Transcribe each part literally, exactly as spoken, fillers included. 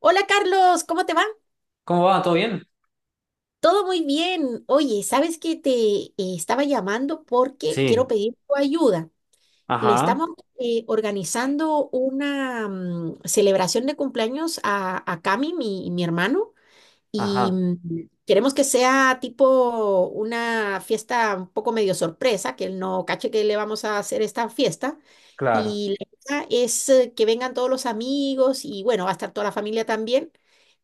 Hola Carlos, ¿cómo te va? ¿Cómo va? ¿Todo bien? Todo muy bien. Oye, sabes que te eh, estaba llamando porque quiero Sí, pedir tu ayuda. Le ajá, estamos eh, organizando una mm, celebración de cumpleaños a, a Cami, mi, mi hermano, y ajá, mm, queremos que sea tipo una fiesta un poco medio sorpresa, que él no cache que le vamos a hacer esta fiesta. claro, Y la idea es eh, que vengan todos los amigos y bueno, va a estar toda la familia también.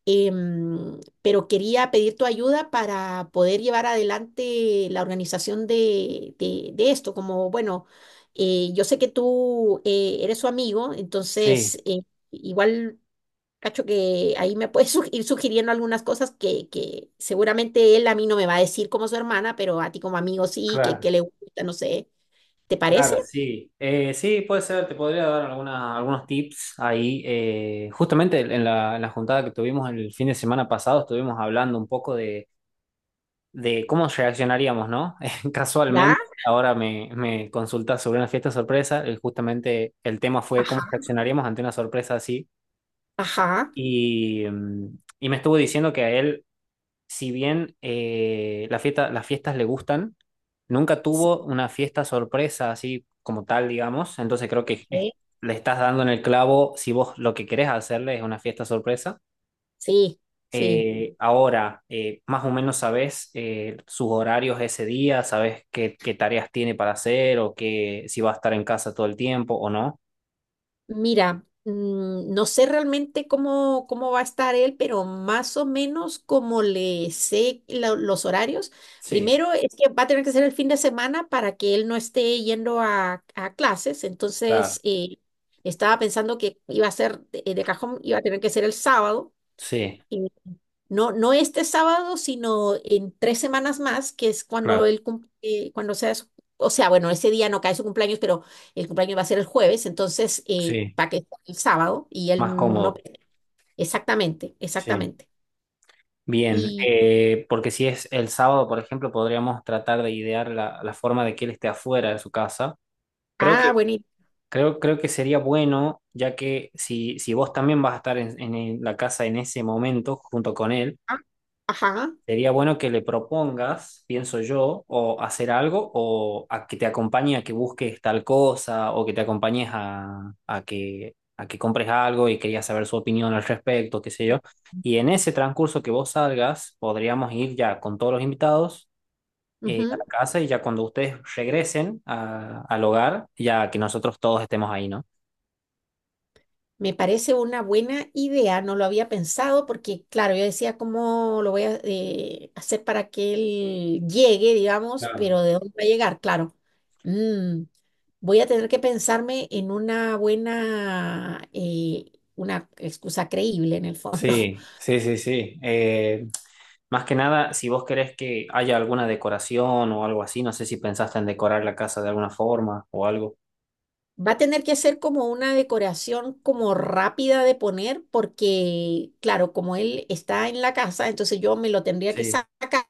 Em, pero quería pedir tu ayuda para poder llevar adelante la organización de, de- de esto. Como, bueno, eh, yo sé que tú eh, eres su amigo, sí, entonces eh, igual cacho que ahí me puede sug- ir sugiriendo algunas cosas que, que seguramente él a mí no me va a decir como su hermana, pero a ti como amigo sí, que, claro, que le gusta, no sé. ¿Te claro, parece? sí. Eh, sí, puede ser, te podría dar alguna, algunos tips ahí. eh, justamente en la, en la juntada que tuvimos el fin de semana pasado estuvimos hablando un poco de, de cómo reaccionaríamos, ¿no? ¿Ya? Casualmente, ahora me, me consultas sobre una fiesta sorpresa, eh, justamente el tema fue cómo Ajá, reaccionaríamos ante una sorpresa así. ajá. Y, mm, y me estuvo diciendo que a él, si bien eh, la fiesta, las fiestas le gustan, nunca Sí, tuvo una fiesta sorpresa así como tal, digamos. Entonces creo que es- eh, le estás dando en el clavo si vos lo que querés hacerle es una fiesta sorpresa. sí, sí. Eh, ahora, eh, más o menos sabés eh, sus horarios ese día, sabés qué, qué tareas tiene para hacer o qué, si va a estar en casa todo el tiempo o no. Mira, mm, no sé realmente cómo, cómo va a estar él, pero más o menos como le sé lo- los horarios. Sí, Primero es que va a tener que ser el fin de semana para que él no esté yendo a, a clases. claro. Entonces, eh, estaba pensando que iba a ser de, de cajón, iba a tener que ser el sábado. Sí, No, no este sábado, sino en tres semanas más, que es cuando claro, él cum- eh, cuando sea su- o sea, bueno, ese día no cae su cumpleaños, pero el cumpleaños va a ser el jueves, entonces eh, sí, para que sea el sábado y más él no, cómodo. exactamente, Sí. exactamente. Bien, Y, eh, porque si es el sábado, por ejemplo, podríamos tratar de idear la, la forma de que él esté afuera de su casa. Creo ah, que, bueno, y- creo, Creo que sería bueno, ya que si, si vos también vas a estar en, en el- la casa en ese momento junto con él. ah, ajá, Sería bueno que le propongas, pienso yo, o hacer algo, o a que te acompañe a que busques tal cosa, o que te acompañes a, a que, a que compres algo y querías saber su opinión al respecto, qué sé yo. Y en ese transcurso que vos salgas, podríamos ir ya con todos los invitados eh, a la ujú. casa y ya cuando ustedes regresen a- al hogar, ya que nosotros todos estemos ahí, ¿no? Me parece una buena idea, no lo había pensado porque, claro, yo decía cómo lo voy a eh, hacer para que él llegue, digamos, Claro. pero ¿de dónde va a llegar? Claro. Mm, voy a tener que pensarme en una buena, eh, una excusa creíble en el fondo. Sí, sí, sí, sí. Eh, más que nada, si vos querés que haya alguna decoración o algo así, no sé si pensaste en decorar la casa de alguna forma o algo. Va a tener que hacer como una decoración como rápida de poner porque, claro, como él está en la casa, entonces yo me lo tendría que Sí, sacar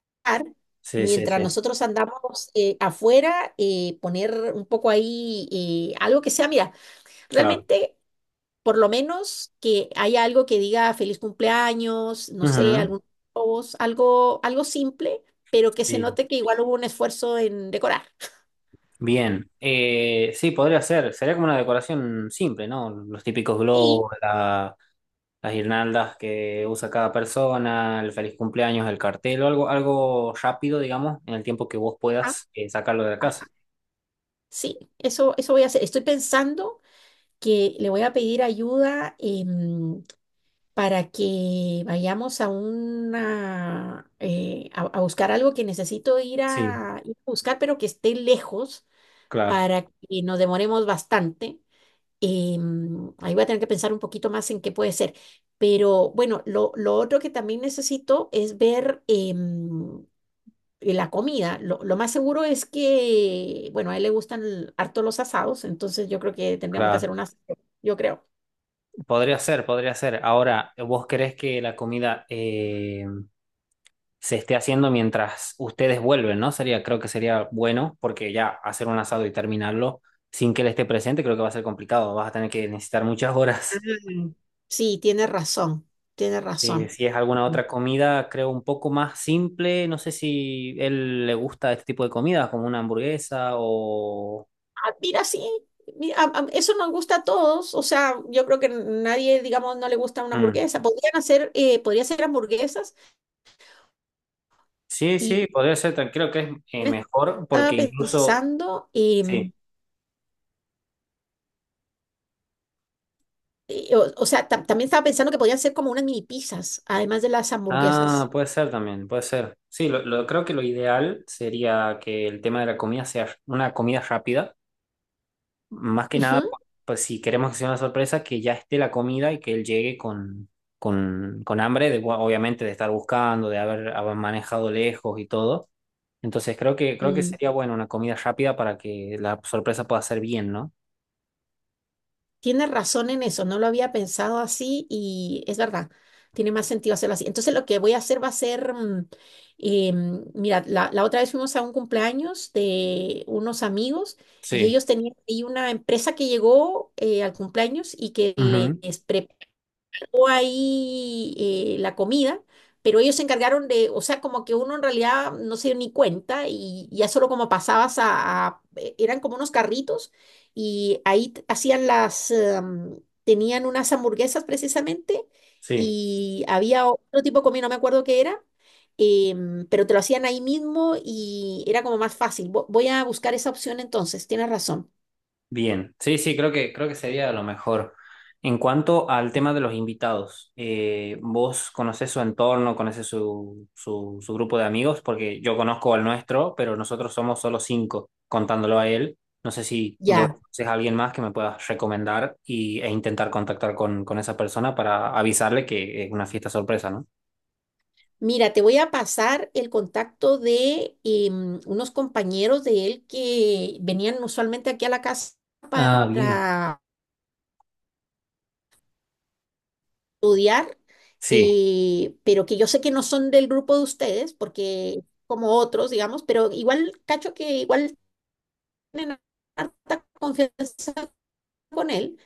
sí, sí, mientras sí, nosotros andamos eh, afuera, eh, poner un poco ahí eh, algo que sea, mira, claro. realmente por lo menos que haya algo que diga feliz cumpleaños, no sé, Ujú. algún globos, algo, algo simple, pero que se Sí, note que igual hubo un esfuerzo en decorar. bien. Eh, sí, podría ser. Sería como una decoración simple, ¿no? Los típicos Y, globos, la- las guirnaldas que usa cada persona, el feliz cumpleaños, el cartel, o algo, algo rápido, digamos, en el tiempo que vos puedas eh, sacarlo de la casa. ajá, sí, eso, eso voy a hacer. Estoy pensando que le voy a pedir ayuda em, para que vayamos a una eh, a, a buscar algo que necesito ir Sí, a, ir a buscar, pero que esté lejos claro, para que nos demoremos bastante. Em, ahí voy a tener que pensar un poquito más en qué puede ser. Pero bueno, lo, lo otro que también necesito es ver em, y la comida, lo, lo más seguro es que, bueno, a él le gustan l- harto los asados, entonces yo creo que tendríamos que claro. hacer un asado, yo creo. Podría ser, podría ser. Ahora, ¿vos crees que la comida, eh, se esté haciendo mientras ustedes vuelven, ¿no? Sería, creo que sería bueno, porque ya hacer un asado y terminarlo sin que él esté presente, creo que va a ser complicado. Vas a tener que necesitar muchas Ah, horas. sí, tiene razón, tiene Eh, razón. si es alguna otra comida, creo, un poco más simple. No sé si él le gusta este tipo de comida, como una hamburguesa o... Ah, mira, sí, mi- a- a- eso nos gusta a todos, o sea, yo creo que nadie, digamos, no le gusta una Mm. hamburguesa. Podrían hacer, eh, podría hacer hamburguesas Sí, y sí, podría ser, creo que es eh, me mejor estaba porque incluso... pensando, em, Sí. eh, o, o sea, tam- también estaba pensando que podrían ser como unas mini pizzas, además de las Ah, hamburguesas. puede ser también, puede ser. Sí, lo, lo- creo que lo ideal sería que el tema de la comida sea una comida rápida, más que nada, Ujú. pues, pues si queremos que sea una sorpresa, que ya esté la comida y que él llegue con, con, con hambre, de, bu- obviamente de estar buscando, de haber, haber manejado lejos y todo. Entonces creo que, creo que sería bueno una comida rápida para que la sorpresa pueda ser bien, ¿no? Tienes razón en eso, no lo había pensado así y es verdad, tiene más sentido hacerlo así. Entonces lo que voy a hacer va a ser, mm, eh, mm, mira, la, la otra vez fuimos a un cumpleaños de unos amigos y Sí. ellos tenían ahí una empresa que llegó eh, al cumpleaños y que Ujú. les preparó o ahí eh, la comida, pero ellos se encargaron de, o sea, como que uno en realidad no se dio ni cuenta y ya solo como pasabas a, a- e- eran como unos carritos y ahí t- hacían las, em, tenían unas hamburguesas precisamente Sí. y había otro tipo de comida, no me acuerdo qué era. Em, pero te lo hacían ahí mismo y era como más fácil. Vo- Voy a buscar esa opción entonces, tienes razón. Bien, sí, sí, creo que, creo que sería lo mejor. En cuanto al tema de los invitados, eh, ¿vos conocés su entorno, conocés su, su, su grupo de amigos? Porque yo conozco al nuestro, pero nosotros somos solo cinco, contándolo a él. No sé si vos Ya. conocés a alguien más que me puedas recomendar y, e intentar contactar con con esa persona para avisarle que es una fiesta sorpresa, ¿no? Mira, te voy a pasar el contacto de em, unos compañeros de él que venían usualmente aquí a la casa Ah, bien. para estudiar, Sí, eh, pero que yo sé que no son del grupo de ustedes, porque como otros, digamos, pero igual, cacho que igual tienen harta confianza con él,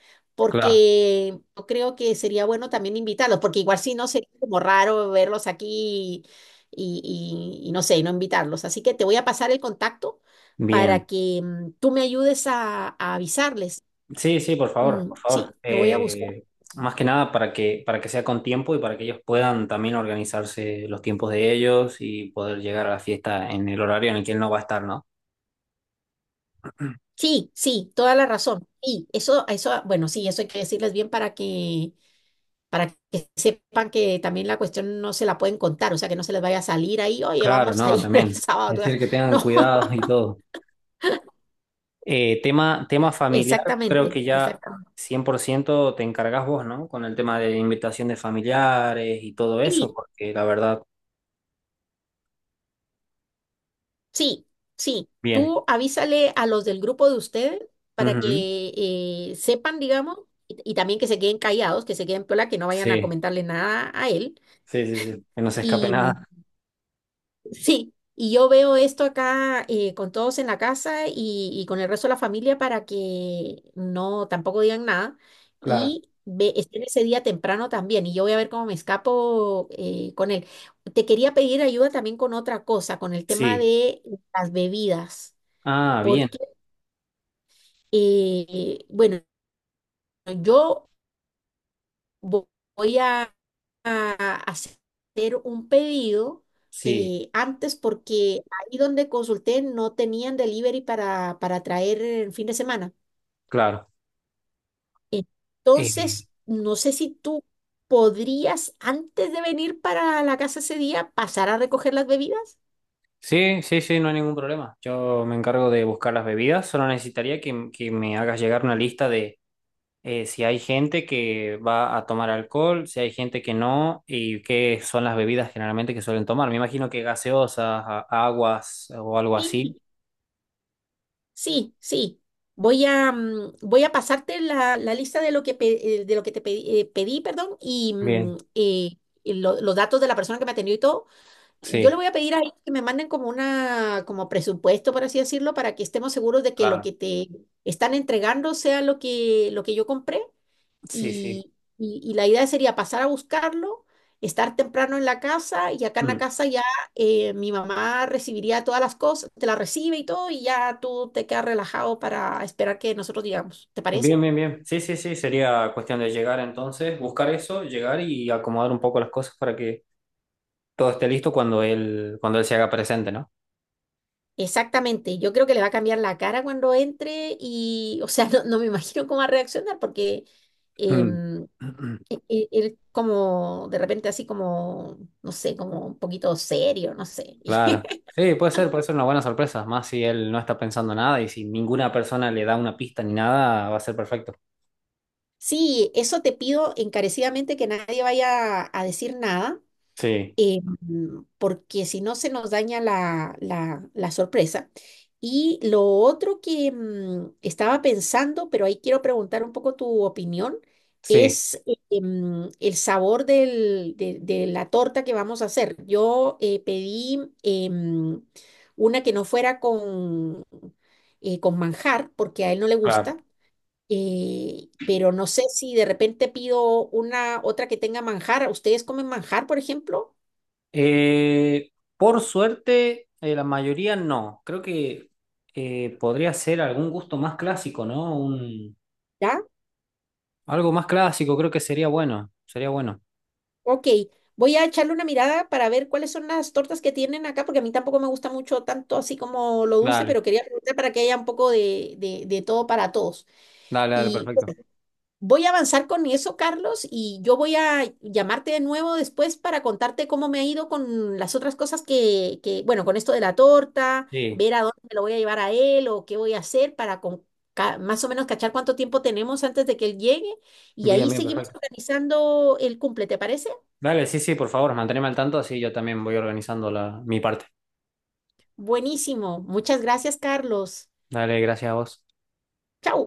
claro. porque yo creo que sería bueno también invitarlos, porque igual si no sería como raro verlos aquí y, y- y no sé, y no invitarlos. Así que te voy a pasar el contacto Bien. para que mm, tú me ayudes a, a avisarles. Sí, sí, por favor, Mm, por sí, favor. lo voy a buscar. Eh, más que nada para que, para que sea con tiempo y para que ellos puedan también organizarse los tiempos de ellos y poder llegar a la fiesta en el horario en el que él no va a estar, ¿no? Sí, sí, toda la razón. Y eso, eso, bueno, sí, eso hay que decirles bien para que, para que sepan que también la cuestión no se la pueden contar, o sea, que no se les vaya a salir ahí, oye, Claro, vamos a no, ir el también. sábado. Tú vas". Decir que tengan No. cuidado y todo. Eh, tema, tema familiar, creo Exactamente, que ya exactamente. cien por ciento te encargas vos, ¿no? Con el tema de invitación de familiares y todo Sí, eso, porque la verdad, sí, sí. bien. Tú avísale a los del grupo de ustedes para Ujú. que eh, sepan, digamos, y, y también que se queden callados, que se queden piola, que no vayan a Sí, comentarle nada a él. sí, sí, sí. Que no se escape nada. Sí, y yo veo esto acá eh, con todos en la casa y, y con el resto de la familia para que no tampoco digan nada Claro. y ve, estén ese día temprano también y yo voy a ver cómo me escapo eh, con él. Te quería pedir ayuda también con otra cosa, con el tema Sí. de las bebidas, Ah, bien. porque, eh, bueno, yo... vo- voy a, a hacer un pedido Sí, eh, antes porque ahí donde consulté no tenían delivery para, para traer el fin de semana. claro. Eh, Entonces, no sé si tú podrías, antes de venir para la casa ese día, pasar a recoger las bebidas. sí, sí, sí, no hay ningún problema. Yo me encargo de buscar las bebidas. Solo necesitaría que, que me hagas llegar una lista de eh, si hay gente que va a tomar alcohol, si hay gente que no, y qué son las bebidas generalmente que suelen tomar. Me imagino que gaseosas, a- aguas o algo así. Sí, sí, sí. Voy a, mm, voy a pasarte la, la lista de lo que, pe- eh, de lo que te pedí, eh, pedí, perdón, y Bien, mm, eh, y lo- los datos de la persona que me atendió y todo. Yo le sí, voy a pedir a ellos que me manden como una, como presupuesto, por así decirlo, para que estemos seguros de que lo claro. que te están entregando sea lo que, lo que yo compré. Sí, sí. Y, y- y la idea sería pasar a buscarlo, estar temprano en la casa y acá en la Mm. casa ya eh, mi mamá recibiría todas las cosas, te la recibe y todo y ya tú te quedas relajado para esperar que nosotros digamos. ¿Te parece? Bien, bien, bien. Sí, sí, sí. Sería cuestión de llegar entonces, buscar eso, llegar y acomodar un poco las cosas para que todo esté listo cuando él, cuando él se haga presente, ¿no? Exactamente, yo creo que le va a cambiar la cara cuando entre y, o sea, no, no me imagino cómo va a reaccionar porque... Mm. em, e- e- él como de repente así como, no sé, como un poquito serio, no sé. Claro. Sí, puede ser, puede ser una buena sorpresa, más si él no está pensando nada y si ninguna persona le da una pista ni nada, va a ser perfecto. Sí, eso te pido encarecidamente que nadie vaya a decir nada. Sí, Eh, mm, porque si no se nos daña la, la- la sorpresa. Y lo otro que mm, estaba pensando, pero ahí quiero preguntar un poco tu opinión, sí, es eh, em, el sabor del- de, de la torta que vamos a hacer. Yo eh, pedí em, una que no fuera con, eh, con manjar, porque a él no le claro. gusta. Eh, pero no sé si de repente pido una otra que tenga manjar. ¿Ustedes comen manjar, por ejemplo? Eh, por suerte, eh, la mayoría no. Creo que eh, podría ser algún gusto más clásico, ¿no? Un, algo más clásico, creo que sería bueno, sería bueno. Ok, voy a echarle una mirada para ver cuáles son las tortas que tienen acá, porque a mí tampoco me gusta mucho tanto así como lo dulce, Dale, pero quería preguntar para que haya un poco de, de- de todo para todos. dale, dale, Y perfecto. voy a avanzar con eso, Carlos, y yo voy a llamarte de nuevo después para contarte cómo me ha ido con las otras cosas que, que, bueno, con esto de la torta, Sí, ver a dónde me lo voy a llevar a él o qué voy a hacer para con- ca- más o menos cachar cuánto tiempo tenemos antes de que él llegue. Y bien, ahí bien, seguimos perfecto. organizando el cumple, ¿te parece? Dale, sí, sí, por favor, manteneme al tanto, así yo también voy organizando la, mi parte. Buenísimo. Muchas gracias, Carlos. Dale, gracias a vos. Chao.